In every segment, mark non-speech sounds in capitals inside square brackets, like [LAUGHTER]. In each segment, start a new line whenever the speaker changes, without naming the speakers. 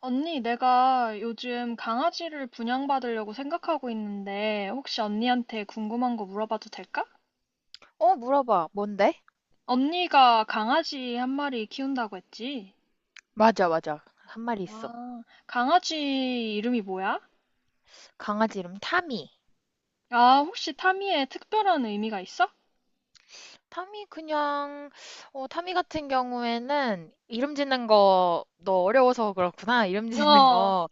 언니, 내가 요즘 강아지를 분양받으려고 생각하고 있는데, 혹시 언니한테 궁금한 거 물어봐도 될까?
물어봐. 뭔데?
언니가 강아지 한 마리 키운다고 했지?
맞아, 맞아. 한 마리 있어.
아, 강아지 이름이 뭐야?
강아지 이름 타미.
아, 혹시 타미에 특별한 의미가 있어?
타미 그냥 타미 같은 경우에는 이름 짓는 거 너 어려워서 그렇구나. [LAUGHS] 이름 짓는
어,
거.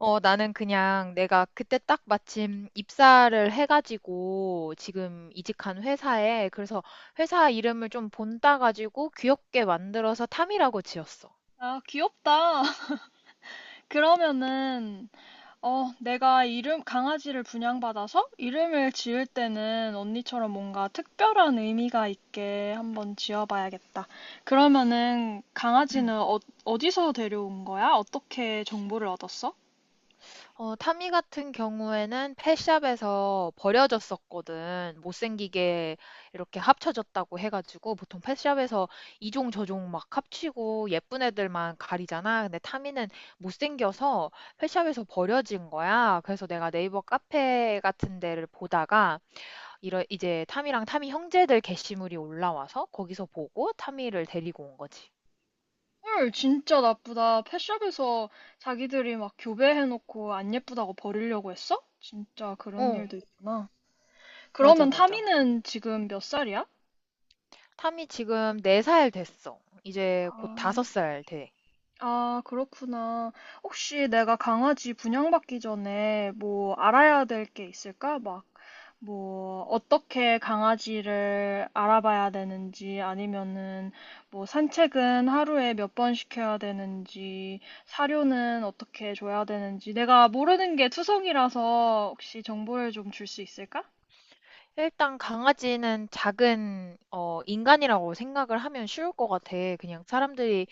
나는 그냥 내가 그때 딱 마침 입사를 해가지고 지금 이직한 회사에, 그래서 회사 이름을 좀 본따 가지고 귀엽게 만들어서 타미라고 지었어.
아, 귀엽다. [LAUGHS] 그러면은 내가 이름, 강아지를 분양받아서 이름을 지을 때는 언니처럼 뭔가 특별한 의미가 있게 한번 지어봐야겠다. 그러면은
응.
강아지는 어디서 데려온 거야? 어떻게 정보를 얻었어?
타미 같은 경우에는 펫샵에서 버려졌었거든. 못생기게 이렇게 합쳐졌다고 해가지고. 보통 펫샵에서 이종 저종 막 합치고 예쁜 애들만 가리잖아. 근데 타미는 못생겨서 펫샵에서 버려진 거야. 그래서 내가 네이버 카페 같은 데를 보다가 이제 타미랑 타미 형제들 게시물이 올라와서 거기서 보고 타미를 데리고 온 거지.
헐, 진짜 나쁘다. 펫샵에서 자기들이 막 교배해놓고 안 예쁘다고 버리려고 했어? 진짜 그런
어,
일도 있구나.
맞아,
그러면
맞아.
타미는 지금 몇 살이야?
타미 지금 4살 됐어. 이제 곧
아,
5살 돼.
아, 그렇구나. 혹시 내가 강아지 분양받기 전에 뭐 알아야 될 게 있을까? 막, 뭐, 어떻게 강아지를 알아봐야 되는지, 아니면은 뭐 산책은 하루에 몇 번 시켜야 되는지, 사료는 어떻게 줘야 되는지, 내가 모르는 게 투성이라서 혹시 정보를 좀 줄 수 있을까?
일단 강아지는 작은 인간이라고 생각을 하면 쉬울 것 같아. 그냥 사람들이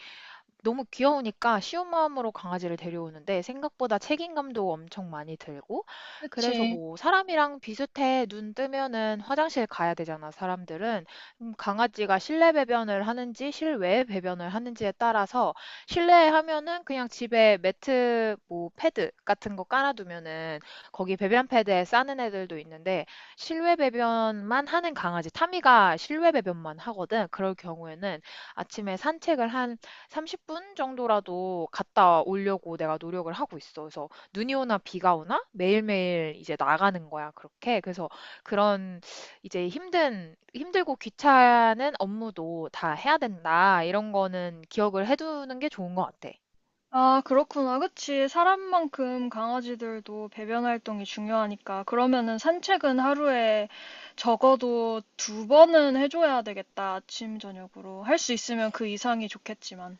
너무 귀여우니까 쉬운 마음으로 강아지를 데려오는데, 생각보다 책임감도 엄청 많이 들고. 그래서
그치.
뭐 사람이랑 비슷해. 눈 뜨면은 화장실 가야 되잖아, 사람들은. 강아지가 실내 배변을 하는지 실외 배변을 하는지에 따라서 실내에 하면은 그냥 집에 매트 뭐 패드 같은 거 깔아두면은 거기 배변 패드에 싸는 애들도 있는데, 실외 배변만 하는 강아지, 타미가 실외 배변만 하거든. 그럴 경우에는 아침에 산책을 한 30분 정도라도 갔다 오려고 내가 노력을 하고 있어. 그래서 눈이 오나 비가 오나 매일매일 이제 나가는 거야, 그렇게. 그래서 그런 이제 힘들고 귀찮은 업무도 다 해야 된다. 이런 거는 기억을 해두는 게 좋은 것 같아.
아, 그렇구나. 그치. 사람만큼 강아지들도 배변 활동이 중요하니까. 그러면은 산책은 하루에 적어도 두 번은 해줘야 되겠다. 아침, 저녁으로. 할 수 있으면 그 이상이 좋겠지만.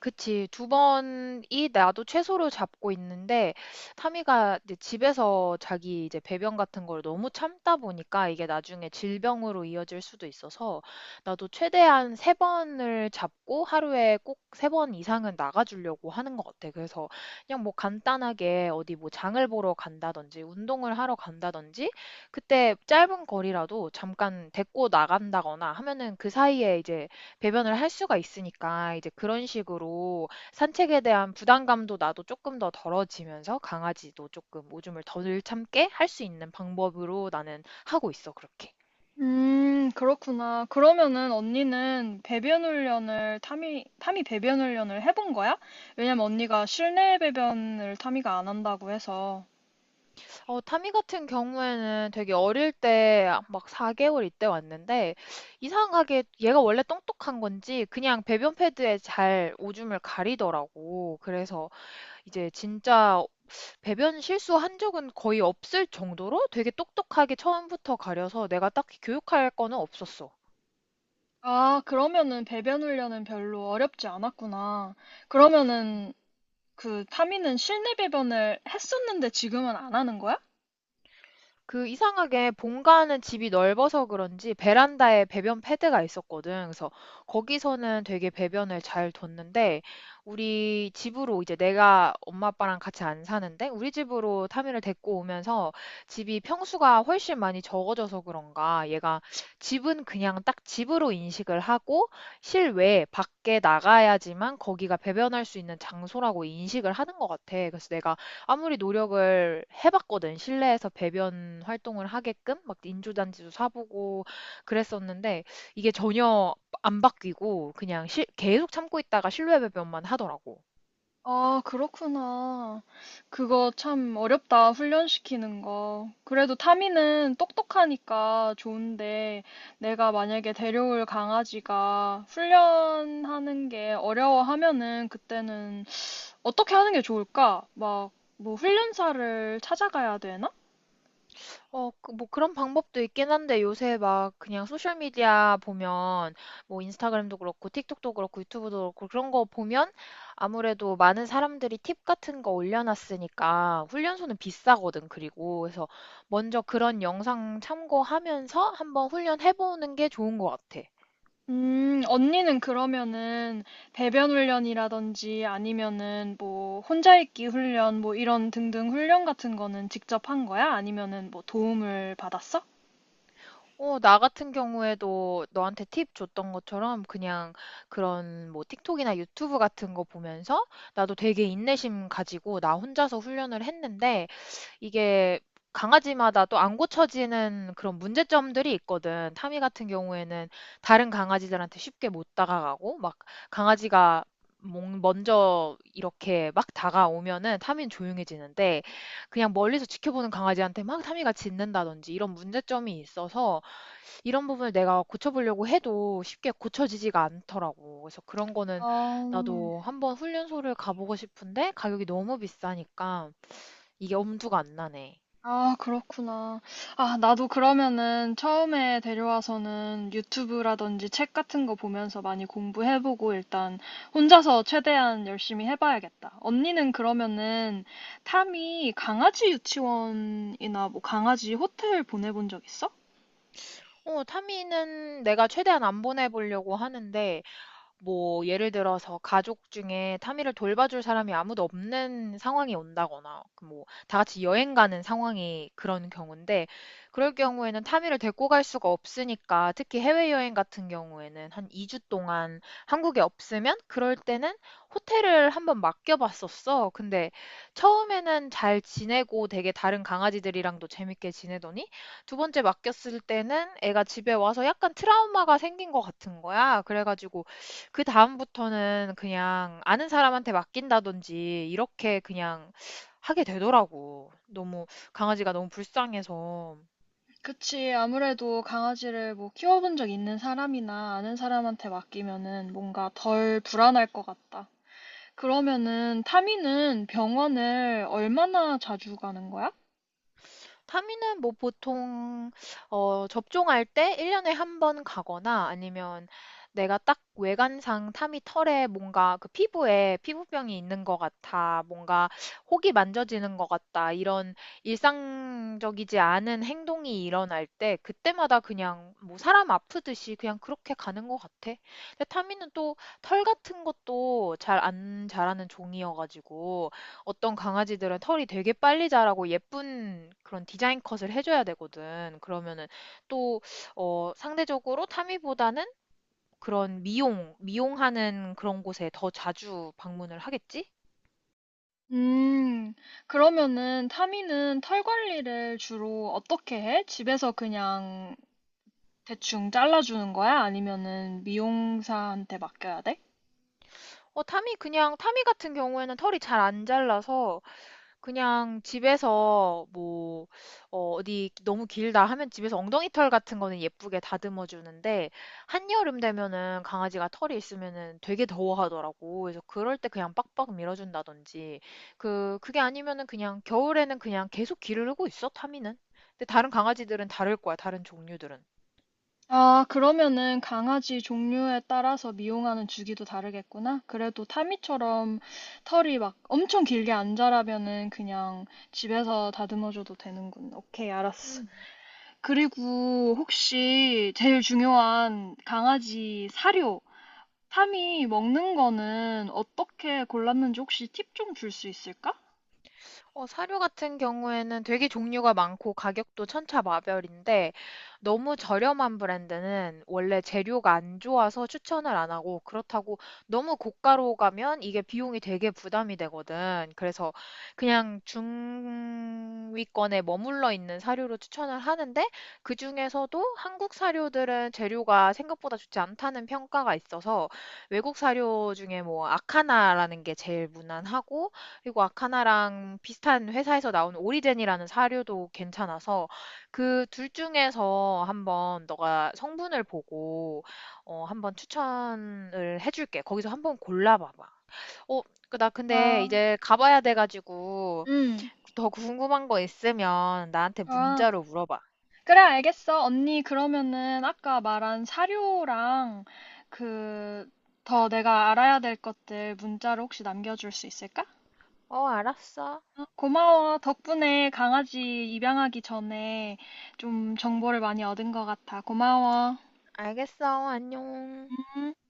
그치. 2 번이 나도 최소로 잡고 있는데, 타미가 이제 집에서 자기 이제 배변 같은 걸 너무 참다 보니까 이게 나중에 질병으로 이어질 수도 있어서 나도 최대한 3 번을 잡고 하루에 꼭 3번 이상은 나가 주려고 하는 것 같아. 그래서 그냥 뭐 간단하게 어디 뭐 장을 보러 간다든지 운동을 하러 간다든지 그때 짧은 거리라도 잠깐 데리고 나간다거나 하면은 그 사이에 이제 배변을 할 수가 있으니까, 이제 그런 식으로 산책에 대한 부담감도 나도 조금 더 덜어지면서 강아지도 조금 오줌을 덜 참게 할 수 있는 방법으로 나는 하고 있어, 그렇게.
그렇구나. 그러면은 언니는 배변 훈련을 타미 배변 훈련을 해본 거야? 왜냐면 언니가 실내 배변을 타미가 안 한다고 해서.
타미 같은 경우에는 되게 어릴 때 막 4 개월, 이때 왔는데 이상하게 얘가 원래 똑똑한 건지 그냥 배변 패드에 잘 오줌을 가리더라고. 그래서 이제 진짜 배변 실수한 적은 거의 없을 정도로 되게 똑똑하게 처음부터 가려서 내가 딱히 교육할 거는 없었어.
아, 그러면은 배변 훈련은 별로 어렵지 않았구나. 그러면은 그 타미는 실내 배변을 했었는데 지금은 안 하는 거야?
그 이상하게 본가는 집이 넓어서 그런지 베란다에 배변 패드가 있었거든. 그래서 거기서는 되게 배변을 잘 뒀는데, 우리 집으로 이제, 내가 엄마 아빠랑 같이 안 사는데, 우리 집으로 타미를 데리고 오면서 집이 평수가 훨씬 많이 적어져서 그런가 얘가 집은 그냥 딱 집으로 인식을 하고 실외 밖에 나가야지만 거기가 배변할 수 있는 장소라고 인식을 하는 것 같아. 그래서 내가 아무리 노력을 해봤거든. 실내에서 배변 활동을 하게끔 막 인조잔지도 사보고 그랬었는데 이게 전혀 안 바뀌고 계속 참고 있다가 실외 배변만 하더라고.
아, 그렇구나. 그거 참 어렵다, 훈련시키는 거. 그래도 타미는 똑똑하니까 좋은데, 내가 만약에 데려올 강아지가 훈련하는 게 어려워하면은 그때는 어떻게 하는 게 좋을까? 막, 뭐 훈련사를 찾아가야 되나?
어, 뭐 그런 방법도 있긴 한데 요새 막 그냥 소셜미디어 보면 뭐 인스타그램도 그렇고 틱톡도 그렇고 유튜브도 그렇고, 그런 거 보면 아무래도 많은 사람들이 팁 같은 거 올려놨으니까. 훈련소는 비싸거든. 그리고 그래서 먼저 그런 영상 참고하면서 한번 훈련해보는 게 좋은 것 같아.
언니는 그러면은 배변 훈련이라든지 아니면은 뭐 혼자 있기 훈련 뭐 이런 등등 훈련 같은 거는 직접 한 거야? 아니면은 뭐 도움을 받았어?
나 같은 경우에도 너한테 팁 줬던 것처럼 그냥 그런 뭐 틱톡이나 유튜브 같은 거 보면서 나도 되게 인내심 가지고 나 혼자서 훈련을 했는데, 이게 강아지마다 또 안 고쳐지는 그런 문제점들이 있거든. 타미 같은 경우에는 다른 강아지들한테 쉽게 못 다가가고, 막 강아지가 먼저 이렇게 막 다가오면은 타미는 조용해지는데, 그냥 멀리서 지켜보는 강아지한테 막 타미가 짖는다든지 이런 문제점이 있어서 이런 부분을 내가 고쳐보려고 해도 쉽게 고쳐지지가 않더라고. 그래서 그런 거는
어,
나도 한번 훈련소를 가보고 싶은데 가격이 너무 비싸니까 이게 엄두가 안 나네.
아, 그렇구나. 아, 나도 그러면은 처음에 데려와서는 유튜브라든지 책 같은 거 보면서 많이 공부해보고 일단 혼자서 최대한 열심히 해봐야겠다. 언니는 그러면은 탐이 강아지 유치원이나 뭐 강아지 호텔 보내본 적 있어?
어, 타미는 내가 최대한 안 보내보려고 하는데, 뭐 예를 들어서 가족 중에 타미를 돌봐줄 사람이 아무도 없는 상황이 온다거나 그 뭐 다 같이 여행 가는 상황이 그런 경우인데, 그럴 경우에는 타미를 데리고 갈 수가 없으니까. 특히 해외여행 같은 경우에는 한 2주 동안 한국에 없으면 그럴 때는 호텔을 한번 맡겨봤었어. 근데 처음에는 잘 지내고 되게 다른 강아지들이랑도 재밌게 지내더니 두 번째 맡겼을 때는 애가 집에 와서 약간 트라우마가 생긴 것 같은 거야. 그래가지고 그다음부터는 그냥 아는 사람한테 맡긴다든지 이렇게 그냥 하게 되더라고. 너무 강아지가 너무 불쌍해서.
그치. 아무래도 강아지를 뭐 키워본 적 있는 사람이나 아는 사람한테 맡기면은 뭔가 덜 불안할 것 같다. 그러면은 타미는 병원을 얼마나 자주 가는 거야?
타미는 뭐 보통 접종할 때 1년에 한 번 가거나, 아니면 내가 딱 외관상 타미 털에 뭔가 그 피부에 피부병이 있는 것 같아, 뭔가 혹이 만져지는 것 같다, 이런 일상적이지 않은 행동이 일어날 때 그때마다 그냥 뭐 사람 아프듯이 그냥 그렇게 가는 것 같아. 근데 타미는 또 털 같은 것도 잘 안 자라는 종이어가지고, 어떤 강아지들은 털이 되게 빨리 자라고 예쁜 그런 디자인 컷을 해줘야 되거든. 그러면은 또, 상대적으로 타미보다는 그런 미용하는 그런 곳에 더 자주 방문을 하겠지?
음, 그러면은 타미는 털 관리를 주로 어떻게 해? 집에서 그냥 대충 잘라주는 거야? 아니면은 미용사한테 맡겨야 돼?
타미 같은 경우에는 털이 잘 안 잘라서 그냥 집에서 어디 너무 길다 하면 집에서 엉덩이 털 같은 거는 예쁘게 다듬어 주는데, 한여름 되면은 강아지가 털이 있으면은 되게 더워하더라고. 그래서 그럴 때 그냥 빡빡 밀어준다든지, 그게 아니면은 그냥 겨울에는 그냥 계속 기르고 있어, 타미는. 근데 다른 강아지들은 다를 거야, 다른 종류들은.
아, 그러면은 강아지 종류에 따라서 미용하는 주기도 다르겠구나. 그래도 타미처럼 털이 막 엄청 길게 안 자라면은 그냥 집에서 다듬어줘도 되는군. 오케이, 알았어.
음.
그리고 혹시 제일 중요한 강아지 사료. 삼이 먹는 거는 어떻게 골랐는지 혹시 팁 좀 줄 수 있을까?
사료 같은 경우에는 되게 종류가 많고 가격도 천차만별인데 너무 저렴한 브랜드는 원래 재료가 안 좋아서 추천을 안 하고, 그렇다고 너무 고가로 가면 이게 비용이 되게 부담이 되거든. 그래서 그냥 중위권에 머물러 있는 사료로 추천을 하는데, 그중에서도 한국 사료들은 재료가 생각보다 좋지 않다는 평가가 있어서 외국 사료 중에 뭐 아카나라는 게 제일 무난하고, 그리고 아카나랑 비슷한 회사에서 나온 오리젠이라는 사료도 괜찮아서 그 둘 중에서 한번 너가 성분을 보고 한번 추천을 해줄게. 거기서 한번 골라봐봐. 어, 나 근데
아,
이제 가봐야 돼가지고.
음.
더 궁금한 거 있으면 나한테
아,
문자로 물어봐.
그래, 알겠어. 언니, 그러면은 아까 말한 사료랑 그, 더 내가 알아야 될 것들 문자로 혹시 남겨줄 수 있을까?
어, 알았어.
어, 고마워. 덕분에 강아지 입양하기 전에 좀 정보를 많이 얻은 것 같아. 고마워.
알겠어. 안녕.
음.